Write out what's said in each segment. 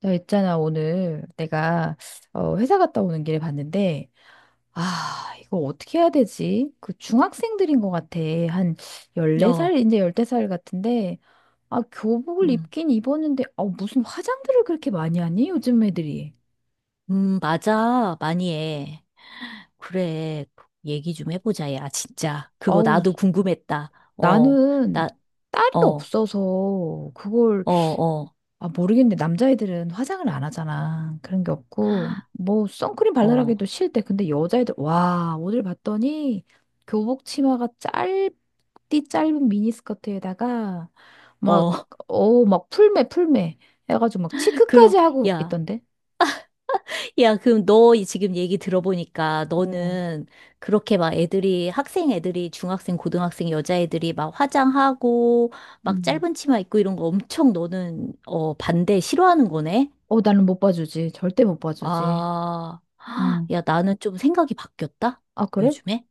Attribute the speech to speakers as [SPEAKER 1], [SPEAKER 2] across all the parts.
[SPEAKER 1] 나 있잖아, 오늘 내가 회사 갔다 오는 길에 봤는데, 아, 이거 어떻게 해야 되지? 그 중학생들인 것 같아. 한 14살,
[SPEAKER 2] 어,
[SPEAKER 1] 이제 15살 같은데, 아, 교복을
[SPEAKER 2] 음,
[SPEAKER 1] 입긴 입었는데, 아, 무슨 화장들을 그렇게 많이 하니? 요즘 애들이.
[SPEAKER 2] 맞아. 많이 해. 그래. 그 얘기 좀 해보자, 야, 진짜. 그거
[SPEAKER 1] 아우,
[SPEAKER 2] 나도 궁금했다. 어,
[SPEAKER 1] 나는
[SPEAKER 2] 나,
[SPEAKER 1] 딸이
[SPEAKER 2] 어,
[SPEAKER 1] 없어서 그걸
[SPEAKER 2] 어, 어,
[SPEAKER 1] 아, 모르겠는데 남자애들은 화장을 안 하잖아. 그런 게 없고 뭐 선크림
[SPEAKER 2] 어,
[SPEAKER 1] 발라라기도 싫대. 근데 여자애들 와, 오늘 봤더니 교복 치마가 짧디 짧은 미니스커트에다가 막
[SPEAKER 2] 어.
[SPEAKER 1] 막 풀매 풀매 해가지고 막
[SPEAKER 2] 그럼,
[SPEAKER 1] 치크까지 하고
[SPEAKER 2] 야,
[SPEAKER 1] 있던데.
[SPEAKER 2] 야, 그럼 너 지금 얘기 들어보니까
[SPEAKER 1] 어.
[SPEAKER 2] 너는 그렇게 막 애들이, 학생 애들이, 중학생, 고등학생 여자애들이 막 화장하고, 막
[SPEAKER 1] 음.
[SPEAKER 2] 짧은 치마 입고 이런 거 엄청 너는, 어, 반대, 싫어하는 거네?
[SPEAKER 1] 어, 나는 못 봐주지. 절대 못 봐주지.
[SPEAKER 2] 아,
[SPEAKER 1] 응.
[SPEAKER 2] 야, 나는 좀 생각이 바뀌었다?
[SPEAKER 1] 아, 그래?
[SPEAKER 2] 요즘에?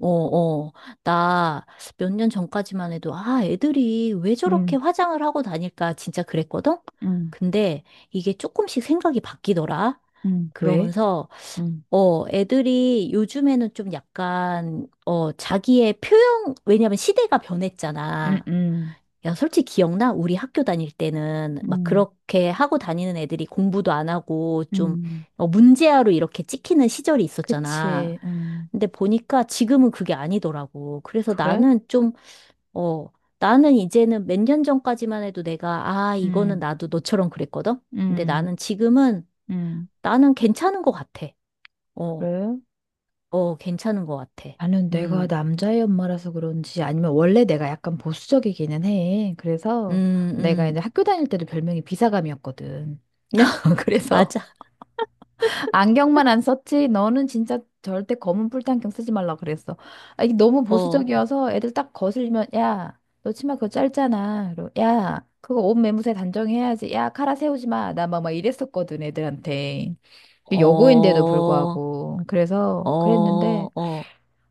[SPEAKER 2] 어, 어. 나 몇 년 전까지만 해도, 아, 애들이 왜 저렇게
[SPEAKER 1] 응.
[SPEAKER 2] 화장을 하고 다닐까 진짜 그랬거든?
[SPEAKER 1] 응.
[SPEAKER 2] 근데 이게 조금씩 생각이 바뀌더라.
[SPEAKER 1] 응, 왜?
[SPEAKER 2] 그러면서,
[SPEAKER 1] 응.
[SPEAKER 2] 어, 애들이 요즘에는 좀 약간, 어, 자기의 표현, 왜냐면 시대가
[SPEAKER 1] 응,
[SPEAKER 2] 변했잖아.
[SPEAKER 1] 응.
[SPEAKER 2] 야, 솔직히 기억나? 우리 학교 다닐 때는 막
[SPEAKER 1] 응.
[SPEAKER 2] 그렇게 하고 다니는 애들이 공부도 안 하고 좀
[SPEAKER 1] 응.
[SPEAKER 2] 어, 문제아로 이렇게 찍히는 시절이 있었잖아.
[SPEAKER 1] 그치. 응.
[SPEAKER 2] 근데 보니까 지금은 그게 아니더라고. 그래서
[SPEAKER 1] 그래?
[SPEAKER 2] 나는 좀, 어, 나는 이제는 몇 년 전까지만 해도 내가, 아, 이거는
[SPEAKER 1] 음,
[SPEAKER 2] 나도 너처럼 그랬거든? 근데
[SPEAKER 1] 음,
[SPEAKER 2] 나는 지금은,
[SPEAKER 1] 음.
[SPEAKER 2] 나는 괜찮은 것 같아. 어,
[SPEAKER 1] 그래?
[SPEAKER 2] 어, 괜찮은 것 같아.
[SPEAKER 1] 나는 내가
[SPEAKER 2] 음,
[SPEAKER 1] 남자의 엄마라서 그런지 아니면 원래 내가 약간 보수적이기는 해. 그래서
[SPEAKER 2] 음,
[SPEAKER 1] 내가
[SPEAKER 2] 음.
[SPEAKER 1] 이제 학교 다닐 때도 별명이 비사감이었거든. 그래서
[SPEAKER 2] 맞아.
[SPEAKER 1] 안경만 안 썼지. 너는 진짜 절대 검은 뿔테 안경 쓰지 말라 그랬어. 아, 이게 너무
[SPEAKER 2] 어,
[SPEAKER 1] 보수적이어서 애들 딱 거슬리면 야, 너 치마 그거 짧잖아. 그리고 야, 그거 옷 매무새 단정해야지. 야, 카라 세우지 마. 나 막 이랬었거든, 애들한테. 여고인데도
[SPEAKER 2] 어.
[SPEAKER 1] 불구하고
[SPEAKER 2] 어,
[SPEAKER 1] 그래서 그랬는데
[SPEAKER 2] 어,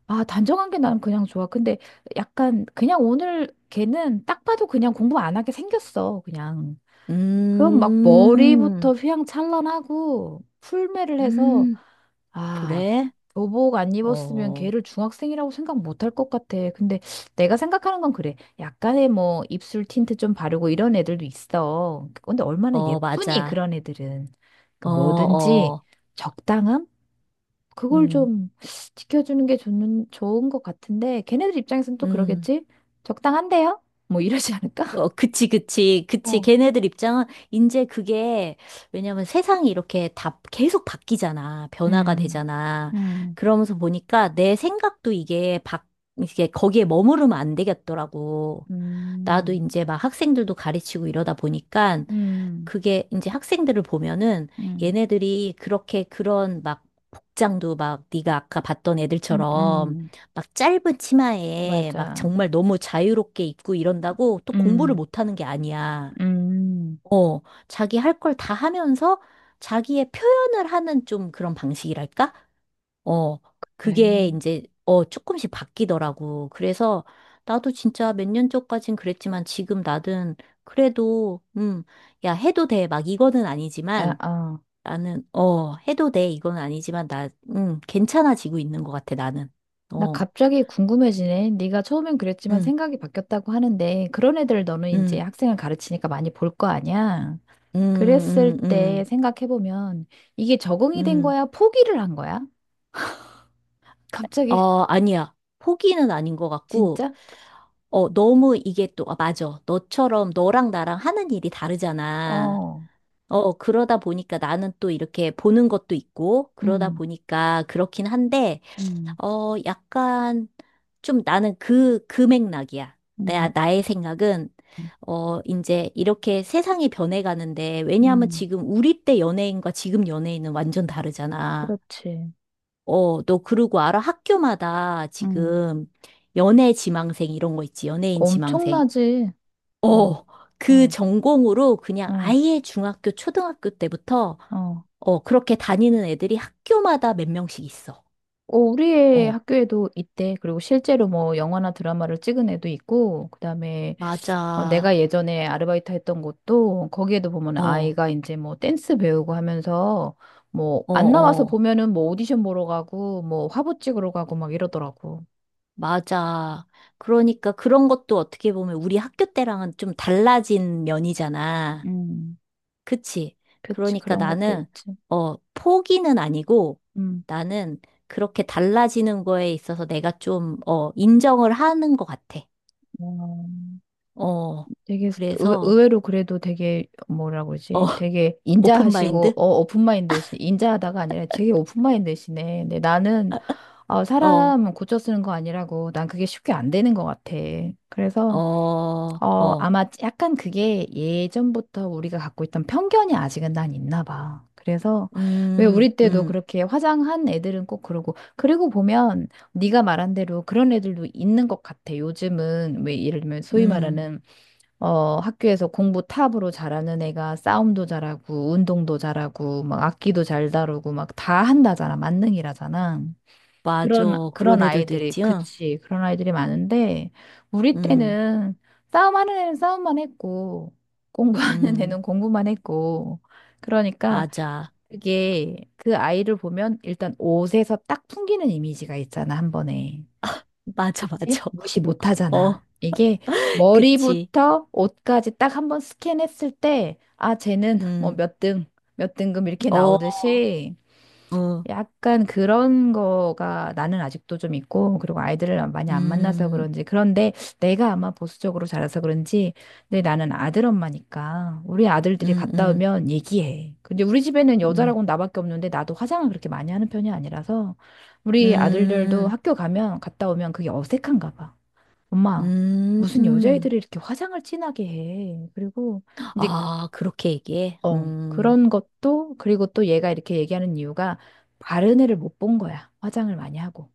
[SPEAKER 1] 아, 단정한 게 나는 그냥 좋아. 근데 약간 그냥 오늘 걔는 딱 봐도 그냥 공부 안 하게 생겼어. 그냥 그럼 막
[SPEAKER 2] 음,
[SPEAKER 1] 머리부터 휘황찬란하고 풀매를 해서
[SPEAKER 2] 음,
[SPEAKER 1] 아,
[SPEAKER 2] 그래?
[SPEAKER 1] 교복 안 입었으면
[SPEAKER 2] 어,
[SPEAKER 1] 걔를 중학생이라고 생각 못할 것 같아. 근데 내가 생각하는 건 그래. 약간의 뭐 입술 틴트 좀 바르고 이런 애들도 있어. 근데 얼마나
[SPEAKER 2] 어,
[SPEAKER 1] 예쁘니
[SPEAKER 2] 맞아.
[SPEAKER 1] 그런 애들은. 그러니까
[SPEAKER 2] 어,
[SPEAKER 1] 뭐든지
[SPEAKER 2] 어,
[SPEAKER 1] 적당함? 그걸
[SPEAKER 2] 음,
[SPEAKER 1] 좀 지켜주는 게 좋는, 좋은 것 같은데, 걔네들 입장에서는 또
[SPEAKER 2] 음.
[SPEAKER 1] 그러겠지? 적당한데요? 뭐 이러지 않을까?
[SPEAKER 2] 어, 그치, 그치, 그치.
[SPEAKER 1] 어.
[SPEAKER 2] 걔네들 입장은 이제 그게, 왜냐면 세상이 이렇게 다 계속 바뀌잖아. 변화가
[SPEAKER 1] 음,
[SPEAKER 2] 되잖아.
[SPEAKER 1] 음,
[SPEAKER 2] 그러면서 보니까 내 생각도 이게 거기에 머무르면 안 되겠더라고. 나도
[SPEAKER 1] 음,
[SPEAKER 2] 이제 막 학생들도 가르치고 이러다 보니까
[SPEAKER 1] 음,
[SPEAKER 2] 그게 이제 학생들을 보면은
[SPEAKER 1] 음,
[SPEAKER 2] 얘네들이 그렇게 그런 막 복장도 막 네가 아까 봤던
[SPEAKER 1] 음,
[SPEAKER 2] 애들처럼
[SPEAKER 1] 음,
[SPEAKER 2] 막 짧은 치마에 막
[SPEAKER 1] 맞아.
[SPEAKER 2] 정말 너무 자유롭게 입고 이런다고 또 공부를
[SPEAKER 1] 음,
[SPEAKER 2] 못하는 게 아니야.
[SPEAKER 1] 음.
[SPEAKER 2] 어, 자기 할 걸 다 하면서 자기의 표현을 하는 좀 그런 방식이랄까? 어,
[SPEAKER 1] 그래.
[SPEAKER 2] 그게 이제, 어, 조금씩 바뀌더라고. 그래서 나도 진짜 몇 년 전까진 그랬지만 지금 나는 그래도, 야, 해도 돼. 막 이거는
[SPEAKER 1] 아,
[SPEAKER 2] 아니지만
[SPEAKER 1] 아.
[SPEAKER 2] 나는, 어, 해도 돼. 이건 아니지만 나, 괜찮아지고 있는 것 같아, 나는.
[SPEAKER 1] 나
[SPEAKER 2] 어,
[SPEAKER 1] 갑자기 궁금해지네. 네가 처음엔 그랬지만
[SPEAKER 2] 음,
[SPEAKER 1] 생각이 바뀌었다고 하는데, 그런 애들 너는 이제
[SPEAKER 2] 음,
[SPEAKER 1] 학생을 가르치니까 많이 볼 거 아니야?
[SPEAKER 2] 음,
[SPEAKER 1] 그랬을
[SPEAKER 2] 음,
[SPEAKER 1] 때
[SPEAKER 2] 음,
[SPEAKER 1] 생각해보면, 이게 적응이 된
[SPEAKER 2] 음.
[SPEAKER 1] 거야? 포기를 한 거야? 갑자기
[SPEAKER 2] 어, 아니야. 포기는 아닌 것 같고,
[SPEAKER 1] 진짜?
[SPEAKER 2] 어, 너무 이게 또, 아, 맞아. 너처럼 너랑 나랑 하는 일이 다르잖아.
[SPEAKER 1] 어,
[SPEAKER 2] 어, 그러다 보니까 나는 또 이렇게 보는 것도 있고, 그러다
[SPEAKER 1] 음,
[SPEAKER 2] 보니까 그렇긴 한데,
[SPEAKER 1] 음,
[SPEAKER 2] 어, 약간 좀 나는 그 맥락이야.
[SPEAKER 1] 음,
[SPEAKER 2] 나의 생각은,
[SPEAKER 1] 음,
[SPEAKER 2] 어, 이제 이렇게 세상이 변해가는데, 왜냐하면
[SPEAKER 1] 음,
[SPEAKER 2] 지금 우리 때 연예인과 지금 연예인은 완전 다르잖아.
[SPEAKER 1] 그렇지.
[SPEAKER 2] 어, 너 그러고 알아? 학교마다
[SPEAKER 1] 음,
[SPEAKER 2] 지금 연애 지망생 이런 거 있지. 연예인 지망생.
[SPEAKER 1] 엄청나지. 응,
[SPEAKER 2] 어, 그
[SPEAKER 1] 응,
[SPEAKER 2] 전공으로 그냥
[SPEAKER 1] 응,
[SPEAKER 2] 아예 중학교, 초등학교 때부터
[SPEAKER 1] 어.
[SPEAKER 2] 어, 그렇게 다니는 애들이 학교마다 몇 명씩 있어.
[SPEAKER 1] 어, 우리의
[SPEAKER 2] 어,
[SPEAKER 1] 학교에도 있대. 그리고 실제로 뭐 영화나 드라마를 찍은 애도 있고, 그다음에 어,
[SPEAKER 2] 맞아.
[SPEAKER 1] 내가 예전에 아르바이트 했던 곳도 거기에도 보면
[SPEAKER 2] 어,
[SPEAKER 1] 아이가 이제 뭐 댄스 배우고 하면서 뭐
[SPEAKER 2] 어,
[SPEAKER 1] 안 나와서
[SPEAKER 2] 어,
[SPEAKER 1] 보면은 뭐 오디션 보러 가고 뭐 화보 찍으러 가고 막 이러더라고.
[SPEAKER 2] 맞아. 그러니까 그런 것도 어떻게 보면 우리 학교 때랑은 좀 달라진 면이잖아.
[SPEAKER 1] 음,
[SPEAKER 2] 그치?
[SPEAKER 1] 그치.
[SPEAKER 2] 그러니까
[SPEAKER 1] 그런 것도
[SPEAKER 2] 나는,
[SPEAKER 1] 있지.
[SPEAKER 2] 어, 포기는 아니고
[SPEAKER 1] 음.
[SPEAKER 2] 나는 그렇게 달라지는 거에 있어서 내가 좀, 어, 인정을 하는 것 같아.
[SPEAKER 1] 어,
[SPEAKER 2] 어,
[SPEAKER 1] 되게 의-
[SPEAKER 2] 그래서,
[SPEAKER 1] 의외로 그래도 되게 뭐라 그러지?
[SPEAKER 2] 어,
[SPEAKER 1] 되게
[SPEAKER 2] 오픈
[SPEAKER 1] 인자하시고
[SPEAKER 2] 마인드?
[SPEAKER 1] 어 오픈마인드이시 인자하다가 아니라 되게 오픈마인드시네. 근데 나는 어,
[SPEAKER 2] 어,
[SPEAKER 1] 사람 고쳐 쓰는 거 아니라고 난 그게 쉽게 안 되는 것 같아. 그래서
[SPEAKER 2] 어,
[SPEAKER 1] 어,
[SPEAKER 2] 어.
[SPEAKER 1] 아마 약간 그게 예전부터 우리가 갖고 있던 편견이 아직은 난 있나 봐. 그래서 왜
[SPEAKER 2] 음,
[SPEAKER 1] 우리 때도
[SPEAKER 2] 음,
[SPEAKER 1] 그렇게 화장한 애들은 꼭 그러고 그리고 보면 네가 말한 대로 그런 애들도 있는 것 같아. 요즘은 왜 예를 들면 소위
[SPEAKER 2] 음.
[SPEAKER 1] 말하는 어, 학교에서 공부 탑으로 잘하는 애가 싸움도 잘하고 운동도 잘하고 막 악기도 잘 다루고 막 다 한다잖아. 만능이라잖아.
[SPEAKER 2] 맞아.
[SPEAKER 1] 그런,
[SPEAKER 2] 그런
[SPEAKER 1] 그런
[SPEAKER 2] 애들도
[SPEAKER 1] 아이들이,
[SPEAKER 2] 있지, 요
[SPEAKER 1] 그치, 그런 아이들이 많은데, 우리
[SPEAKER 2] 음,
[SPEAKER 1] 때는 싸움하는 애는 싸움만 했고, 공부하는
[SPEAKER 2] 음.
[SPEAKER 1] 애는 공부만 했고, 그러니까
[SPEAKER 2] 맞아.
[SPEAKER 1] 그게 그 아이를 보면 일단 옷에서 딱 풍기는 이미지가 있잖아, 한 번에.
[SPEAKER 2] 맞아,
[SPEAKER 1] 그치?
[SPEAKER 2] 맞아.
[SPEAKER 1] 무시 못 하잖아.
[SPEAKER 2] 어,
[SPEAKER 1] 이게
[SPEAKER 2] 그치.
[SPEAKER 1] 머리부터 옷까지 딱 한 번 스캔했을 때, 아, 쟤는 뭐
[SPEAKER 2] 음,
[SPEAKER 1] 몇 등, 몇 등급 이렇게
[SPEAKER 2] 어,
[SPEAKER 1] 나오듯이,
[SPEAKER 2] 어.
[SPEAKER 1] 약간 그런 거가 나는 아직도 좀 있고, 그리고 아이들을 많이 안 만나서
[SPEAKER 2] 음,
[SPEAKER 1] 그런지, 그런데 내가 아마 보수적으로 자라서 그런지, 근데 나는 아들 엄마니까, 우리 아들들이
[SPEAKER 2] 음,
[SPEAKER 1] 갔다
[SPEAKER 2] 음,
[SPEAKER 1] 오면 얘기해. 근데 우리 집에는
[SPEAKER 2] 음,
[SPEAKER 1] 여자라고는 나밖에 없는데, 나도 화장을 그렇게 많이 하는 편이 아니라서, 우리 아들들도
[SPEAKER 2] 음,
[SPEAKER 1] 학교 가면, 갔다 오면 그게 어색한가 봐. 엄마, 무슨
[SPEAKER 2] 음.
[SPEAKER 1] 여자애들이 이렇게 화장을 진하게 해. 그리고, 이제
[SPEAKER 2] 아, 그렇게 얘기해?
[SPEAKER 1] 어, 그런 것도, 그리고 또 얘가 이렇게 얘기하는 이유가 바른 애를 못 본 거야. 화장을 많이 하고.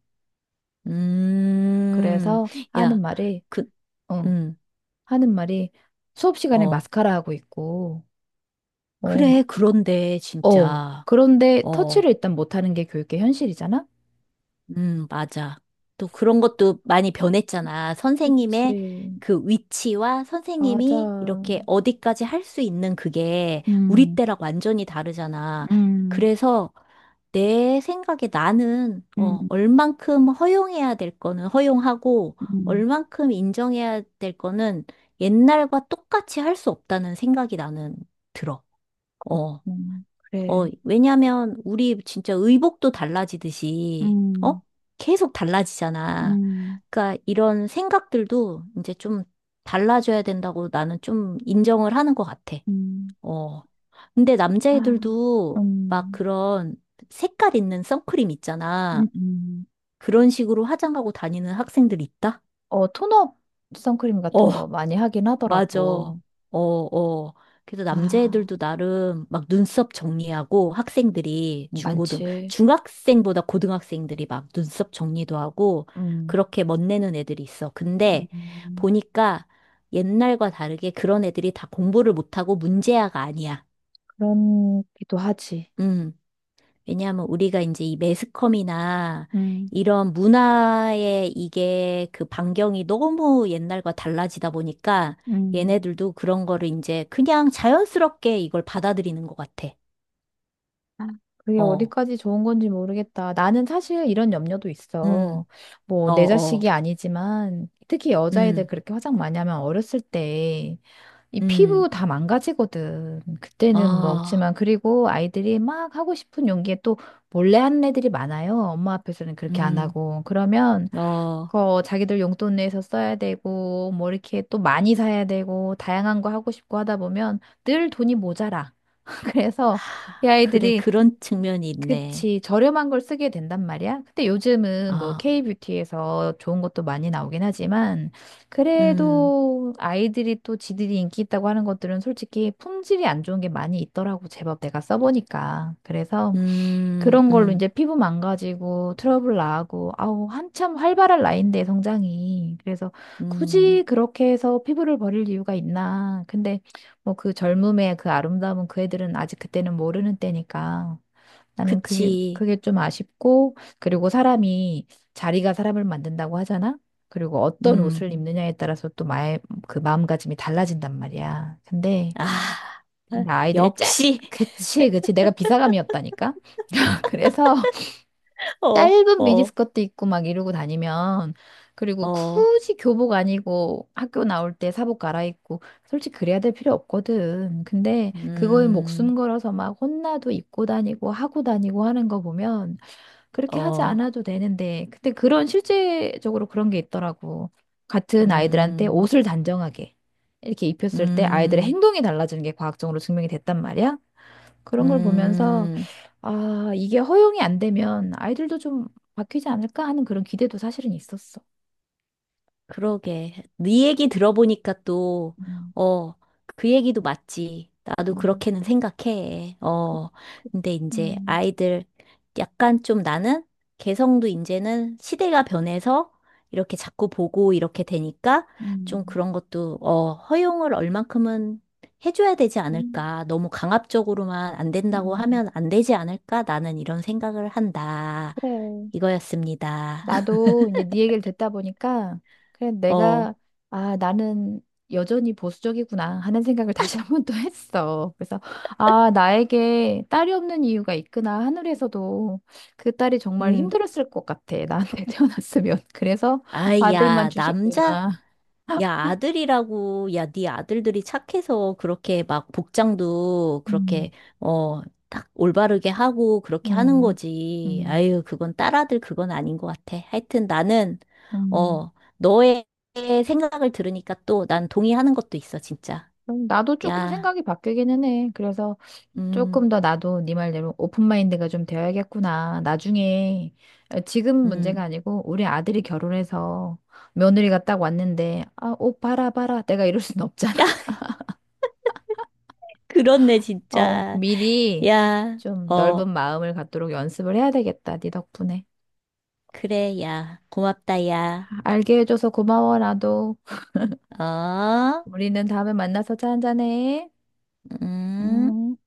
[SPEAKER 2] 음.
[SPEAKER 1] 그래서 하는
[SPEAKER 2] 야,
[SPEAKER 1] 말이,
[SPEAKER 2] 그,
[SPEAKER 1] 어,
[SPEAKER 2] 음,
[SPEAKER 1] 하는 말이 수업 시간에
[SPEAKER 2] 어.
[SPEAKER 1] 마스카라 하고 있고, 어,
[SPEAKER 2] 그래, 그런데,
[SPEAKER 1] 어.
[SPEAKER 2] 진짜.
[SPEAKER 1] 그런데 터치를
[SPEAKER 2] 어,
[SPEAKER 1] 일단 못 하는 게 교육의 현실이잖아?
[SPEAKER 2] 맞아. 또 그런 것도 많이 변했잖아.
[SPEAKER 1] 그치,
[SPEAKER 2] 선생님의 그 위치와 선생님이
[SPEAKER 1] 맞아.
[SPEAKER 2] 이렇게 어디까지 할 수 있는 그게 우리
[SPEAKER 1] 음,
[SPEAKER 2] 때랑 완전히 다르잖아.
[SPEAKER 1] 음,
[SPEAKER 2] 그래서 내 생각에 나는,
[SPEAKER 1] 음,
[SPEAKER 2] 어, 얼만큼 허용해야 될 거는 허용하고,
[SPEAKER 1] 음,
[SPEAKER 2] 얼만큼 인정해야 될 거는 옛날과 똑같이 할 수 없다는 생각이 나는 들어. 어.
[SPEAKER 1] 그렇군
[SPEAKER 2] 어,
[SPEAKER 1] 그래.
[SPEAKER 2] 왜냐면 우리 진짜 의복도 달라지듯이,
[SPEAKER 1] 음,
[SPEAKER 2] 어? 계속 달라지잖아.
[SPEAKER 1] 음,
[SPEAKER 2] 그러니까 이런 생각들도 이제 좀 달라져야 된다고 나는 좀 인정을 하는 것 같아.
[SPEAKER 1] 음.
[SPEAKER 2] 어. 근데
[SPEAKER 1] 아,
[SPEAKER 2] 남자애들도 막
[SPEAKER 1] 음,
[SPEAKER 2] 그런 색깔 있는 선크림
[SPEAKER 1] 음,
[SPEAKER 2] 있잖아.
[SPEAKER 1] 음.
[SPEAKER 2] 그런 식으로 화장하고 다니는 학생들 있다?
[SPEAKER 1] 어, 톤업 선크림
[SPEAKER 2] 어,
[SPEAKER 1] 같은 거 많이 하긴
[SPEAKER 2] 맞아. 어,
[SPEAKER 1] 하더라고.
[SPEAKER 2] 어. 그래서
[SPEAKER 1] 아,
[SPEAKER 2] 남자애들도 나름 막 눈썹 정리하고 학생들이 중고등,
[SPEAKER 1] 많지.
[SPEAKER 2] 중학생보다 고등학생들이 막 눈썹 정리도 하고
[SPEAKER 1] 음,
[SPEAKER 2] 그렇게 멋내는 애들이 있어. 근데
[SPEAKER 1] 음,
[SPEAKER 2] 보니까 옛날과 다르게 그런 애들이 다 공부를 못하고 문제아가 아니야.
[SPEAKER 1] 그런기도 하지.
[SPEAKER 2] 음. 왜냐하면 우리가 이제 이 매스컴이나
[SPEAKER 1] 음,
[SPEAKER 2] 이런 문화의 이게 그 반경이 너무 옛날과 달라지다 보니까
[SPEAKER 1] 음,
[SPEAKER 2] 얘네들도 그런 거를 이제 그냥 자연스럽게 이걸 받아들이는 것 같아.
[SPEAKER 1] 아, 그게
[SPEAKER 2] 어,
[SPEAKER 1] 어디까지 좋은 건지 모르겠다. 나는 사실 이런 염려도
[SPEAKER 2] 음,
[SPEAKER 1] 있어. 뭐,
[SPEAKER 2] 어,
[SPEAKER 1] 내
[SPEAKER 2] 어,
[SPEAKER 1] 자식이 아니지만, 특히 여자애들
[SPEAKER 2] 음,
[SPEAKER 1] 그렇게 화장 많이 하면 어렸을 때 이
[SPEAKER 2] 음,
[SPEAKER 1] 피부 다 망가지거든. 그때는
[SPEAKER 2] 어,
[SPEAKER 1] 먹지만, 그리고 아이들이 막 하고 싶은 용기에 또 몰래 하는 애들이 많아요. 엄마 앞에서는 그렇게 안
[SPEAKER 2] 음,
[SPEAKER 1] 하고. 그러면,
[SPEAKER 2] 어.
[SPEAKER 1] 그 자기들 용돈 내서 써야 되고, 뭐 이렇게 또 많이 사야 되고, 다양한 거 하고 싶고 하다 보면 늘 돈이 모자라. 그래서 이
[SPEAKER 2] 하, 그래,
[SPEAKER 1] 아이들이
[SPEAKER 2] 그런 측면이 있네.
[SPEAKER 1] 그치, 저렴한 걸 쓰게 된단 말이야. 근데 요즘은 뭐
[SPEAKER 2] 아,
[SPEAKER 1] K뷰티에서 좋은 것도 많이 나오긴 하지만,
[SPEAKER 2] 음,
[SPEAKER 1] 그래도 아이들이 또 지들이 인기 있다고 하는 것들은 솔직히 품질이 안 좋은 게 많이 있더라고, 제법 내가 써보니까. 그래서
[SPEAKER 2] 음,
[SPEAKER 1] 그런 걸로 이제
[SPEAKER 2] 음,
[SPEAKER 1] 피부 망가지고 트러블 나고, 아우, 한참 활발한 나이인데, 성장이. 그래서 굳이
[SPEAKER 2] 음,
[SPEAKER 1] 그렇게 해서 피부를 버릴 이유가 있나. 근데 뭐 그 젊음의 그 아름다움은 그 애들은 아직 그때는 모르는 때니까. 나는 그게,
[SPEAKER 2] 그치.
[SPEAKER 1] 그게 좀 아쉽고, 그리고 사람이, 자리가 사람을 만든다고 하잖아? 그리고 어떤
[SPEAKER 2] 음.
[SPEAKER 1] 옷을 입느냐에 따라서 또 마의, 그 마음가짐이 달라진단 말이야. 근데,
[SPEAKER 2] 아,
[SPEAKER 1] 근데 아이들이 짧,
[SPEAKER 2] 역시,
[SPEAKER 1] 그치. 내가 비사감이었다니까? 그래서
[SPEAKER 2] 어,
[SPEAKER 1] 짧은
[SPEAKER 2] 어,
[SPEAKER 1] 미니스커트 입고 막 이러고 다니면, 그리고
[SPEAKER 2] 어,
[SPEAKER 1] 굳이 교복 아니고 학교 나올 때 사복 갈아입고, 솔직히 그래야 될 필요 없거든. 근데 그거에
[SPEAKER 2] 음,
[SPEAKER 1] 목숨 걸어서 막 혼나도 입고 다니고 하고 다니고 하는 거 보면, 그렇게 하지
[SPEAKER 2] 어,
[SPEAKER 1] 않아도 되는데, 근데 그런 실제적으로 그런 게 있더라고. 같은 아이들한테
[SPEAKER 2] 음,
[SPEAKER 1] 옷을 단정하게 이렇게 입혔을 때 아이들의
[SPEAKER 2] 음,
[SPEAKER 1] 행동이 달라지는 게 과학적으로 증명이 됐단 말이야. 그런 걸 보면서,
[SPEAKER 2] 음,
[SPEAKER 1] 아, 이게 허용이 안 되면 아이들도 좀 바뀌지 않을까 하는 그런 기대도 사실은 있었어.
[SPEAKER 2] 그러게. 네 얘기 들어보니까 또,
[SPEAKER 1] 음,
[SPEAKER 2] 어, 그 얘기도 맞지. 나도
[SPEAKER 1] 음,
[SPEAKER 2] 그렇게는 생각해.
[SPEAKER 1] 그,
[SPEAKER 2] 어,
[SPEAKER 1] 그,
[SPEAKER 2] 근데 이제
[SPEAKER 1] 음,
[SPEAKER 2] 아이들 약간 좀 나는 개성도 이제는 시대가 변해서 이렇게 자꾸 보고 이렇게 되니까 좀
[SPEAKER 1] 음,
[SPEAKER 2] 그런 것도, 어, 허용을 얼만큼은 해줘야 되지
[SPEAKER 1] 음,
[SPEAKER 2] 않을까. 너무 강압적으로만 안 된다고
[SPEAKER 1] 음.
[SPEAKER 2] 하면 안 되지 않을까. 나는 이런 생각을 한다.
[SPEAKER 1] 그래.
[SPEAKER 2] 이거였습니다.
[SPEAKER 1] 나도 이제 네 얘기를 듣다 보니까 그래
[SPEAKER 2] 어,
[SPEAKER 1] 내가 아, 나는 여전히 보수적이구나 하는 생각을 다시 한 번 또 했어. 그래서 아, 나에게 딸이 없는 이유가 있구나. 하늘에서도 그 딸이 정말
[SPEAKER 2] 음.
[SPEAKER 1] 힘들었을 것 같아 나한테 태어났으면. 그래서
[SPEAKER 2] 아이,
[SPEAKER 1] 아들만
[SPEAKER 2] 야, 남자,
[SPEAKER 1] 주셨구나.
[SPEAKER 2] 야, 아들이라고, 야, 네 아들들이 착해서 그렇게 막 복장도
[SPEAKER 1] 음,
[SPEAKER 2] 그렇게, 어, 딱 올바르게 하고 그렇게 하는
[SPEAKER 1] 음,
[SPEAKER 2] 거지.
[SPEAKER 1] 음,
[SPEAKER 2] 아유, 그건 딸아들 그건 아닌 것 같아. 하여튼 나는,
[SPEAKER 1] 음.
[SPEAKER 2] 어, 너의 생각을 들으니까 또 난 동의하는 것도 있어, 진짜.
[SPEAKER 1] 그럼 나도 조금
[SPEAKER 2] 야,
[SPEAKER 1] 생각이 바뀌기는 해. 그래서
[SPEAKER 2] 음,
[SPEAKER 1] 조금 더 나도 네 말대로 오픈마인드가 좀 되어야겠구나. 나중에 어, 지금 문제가
[SPEAKER 2] 음.
[SPEAKER 1] 아니고 우리 아들이 결혼해서 며느리가 딱 왔는데 아, 옷 봐라 봐라 내가 이럴 순
[SPEAKER 2] 야,
[SPEAKER 1] 없잖아.
[SPEAKER 2] 그렇네,
[SPEAKER 1] 어,
[SPEAKER 2] 진짜.
[SPEAKER 1] 미리
[SPEAKER 2] 야,
[SPEAKER 1] 좀
[SPEAKER 2] 어,
[SPEAKER 1] 넓은 마음을 갖도록 연습을 해야 되겠다. 네 덕분에.
[SPEAKER 2] 그래, 야. 고맙다, 야.
[SPEAKER 1] 알게 해줘서 고마워 나도.
[SPEAKER 2] 어?
[SPEAKER 1] 우리는 다음에 만나서 차 한잔해.
[SPEAKER 2] 음.
[SPEAKER 1] 음.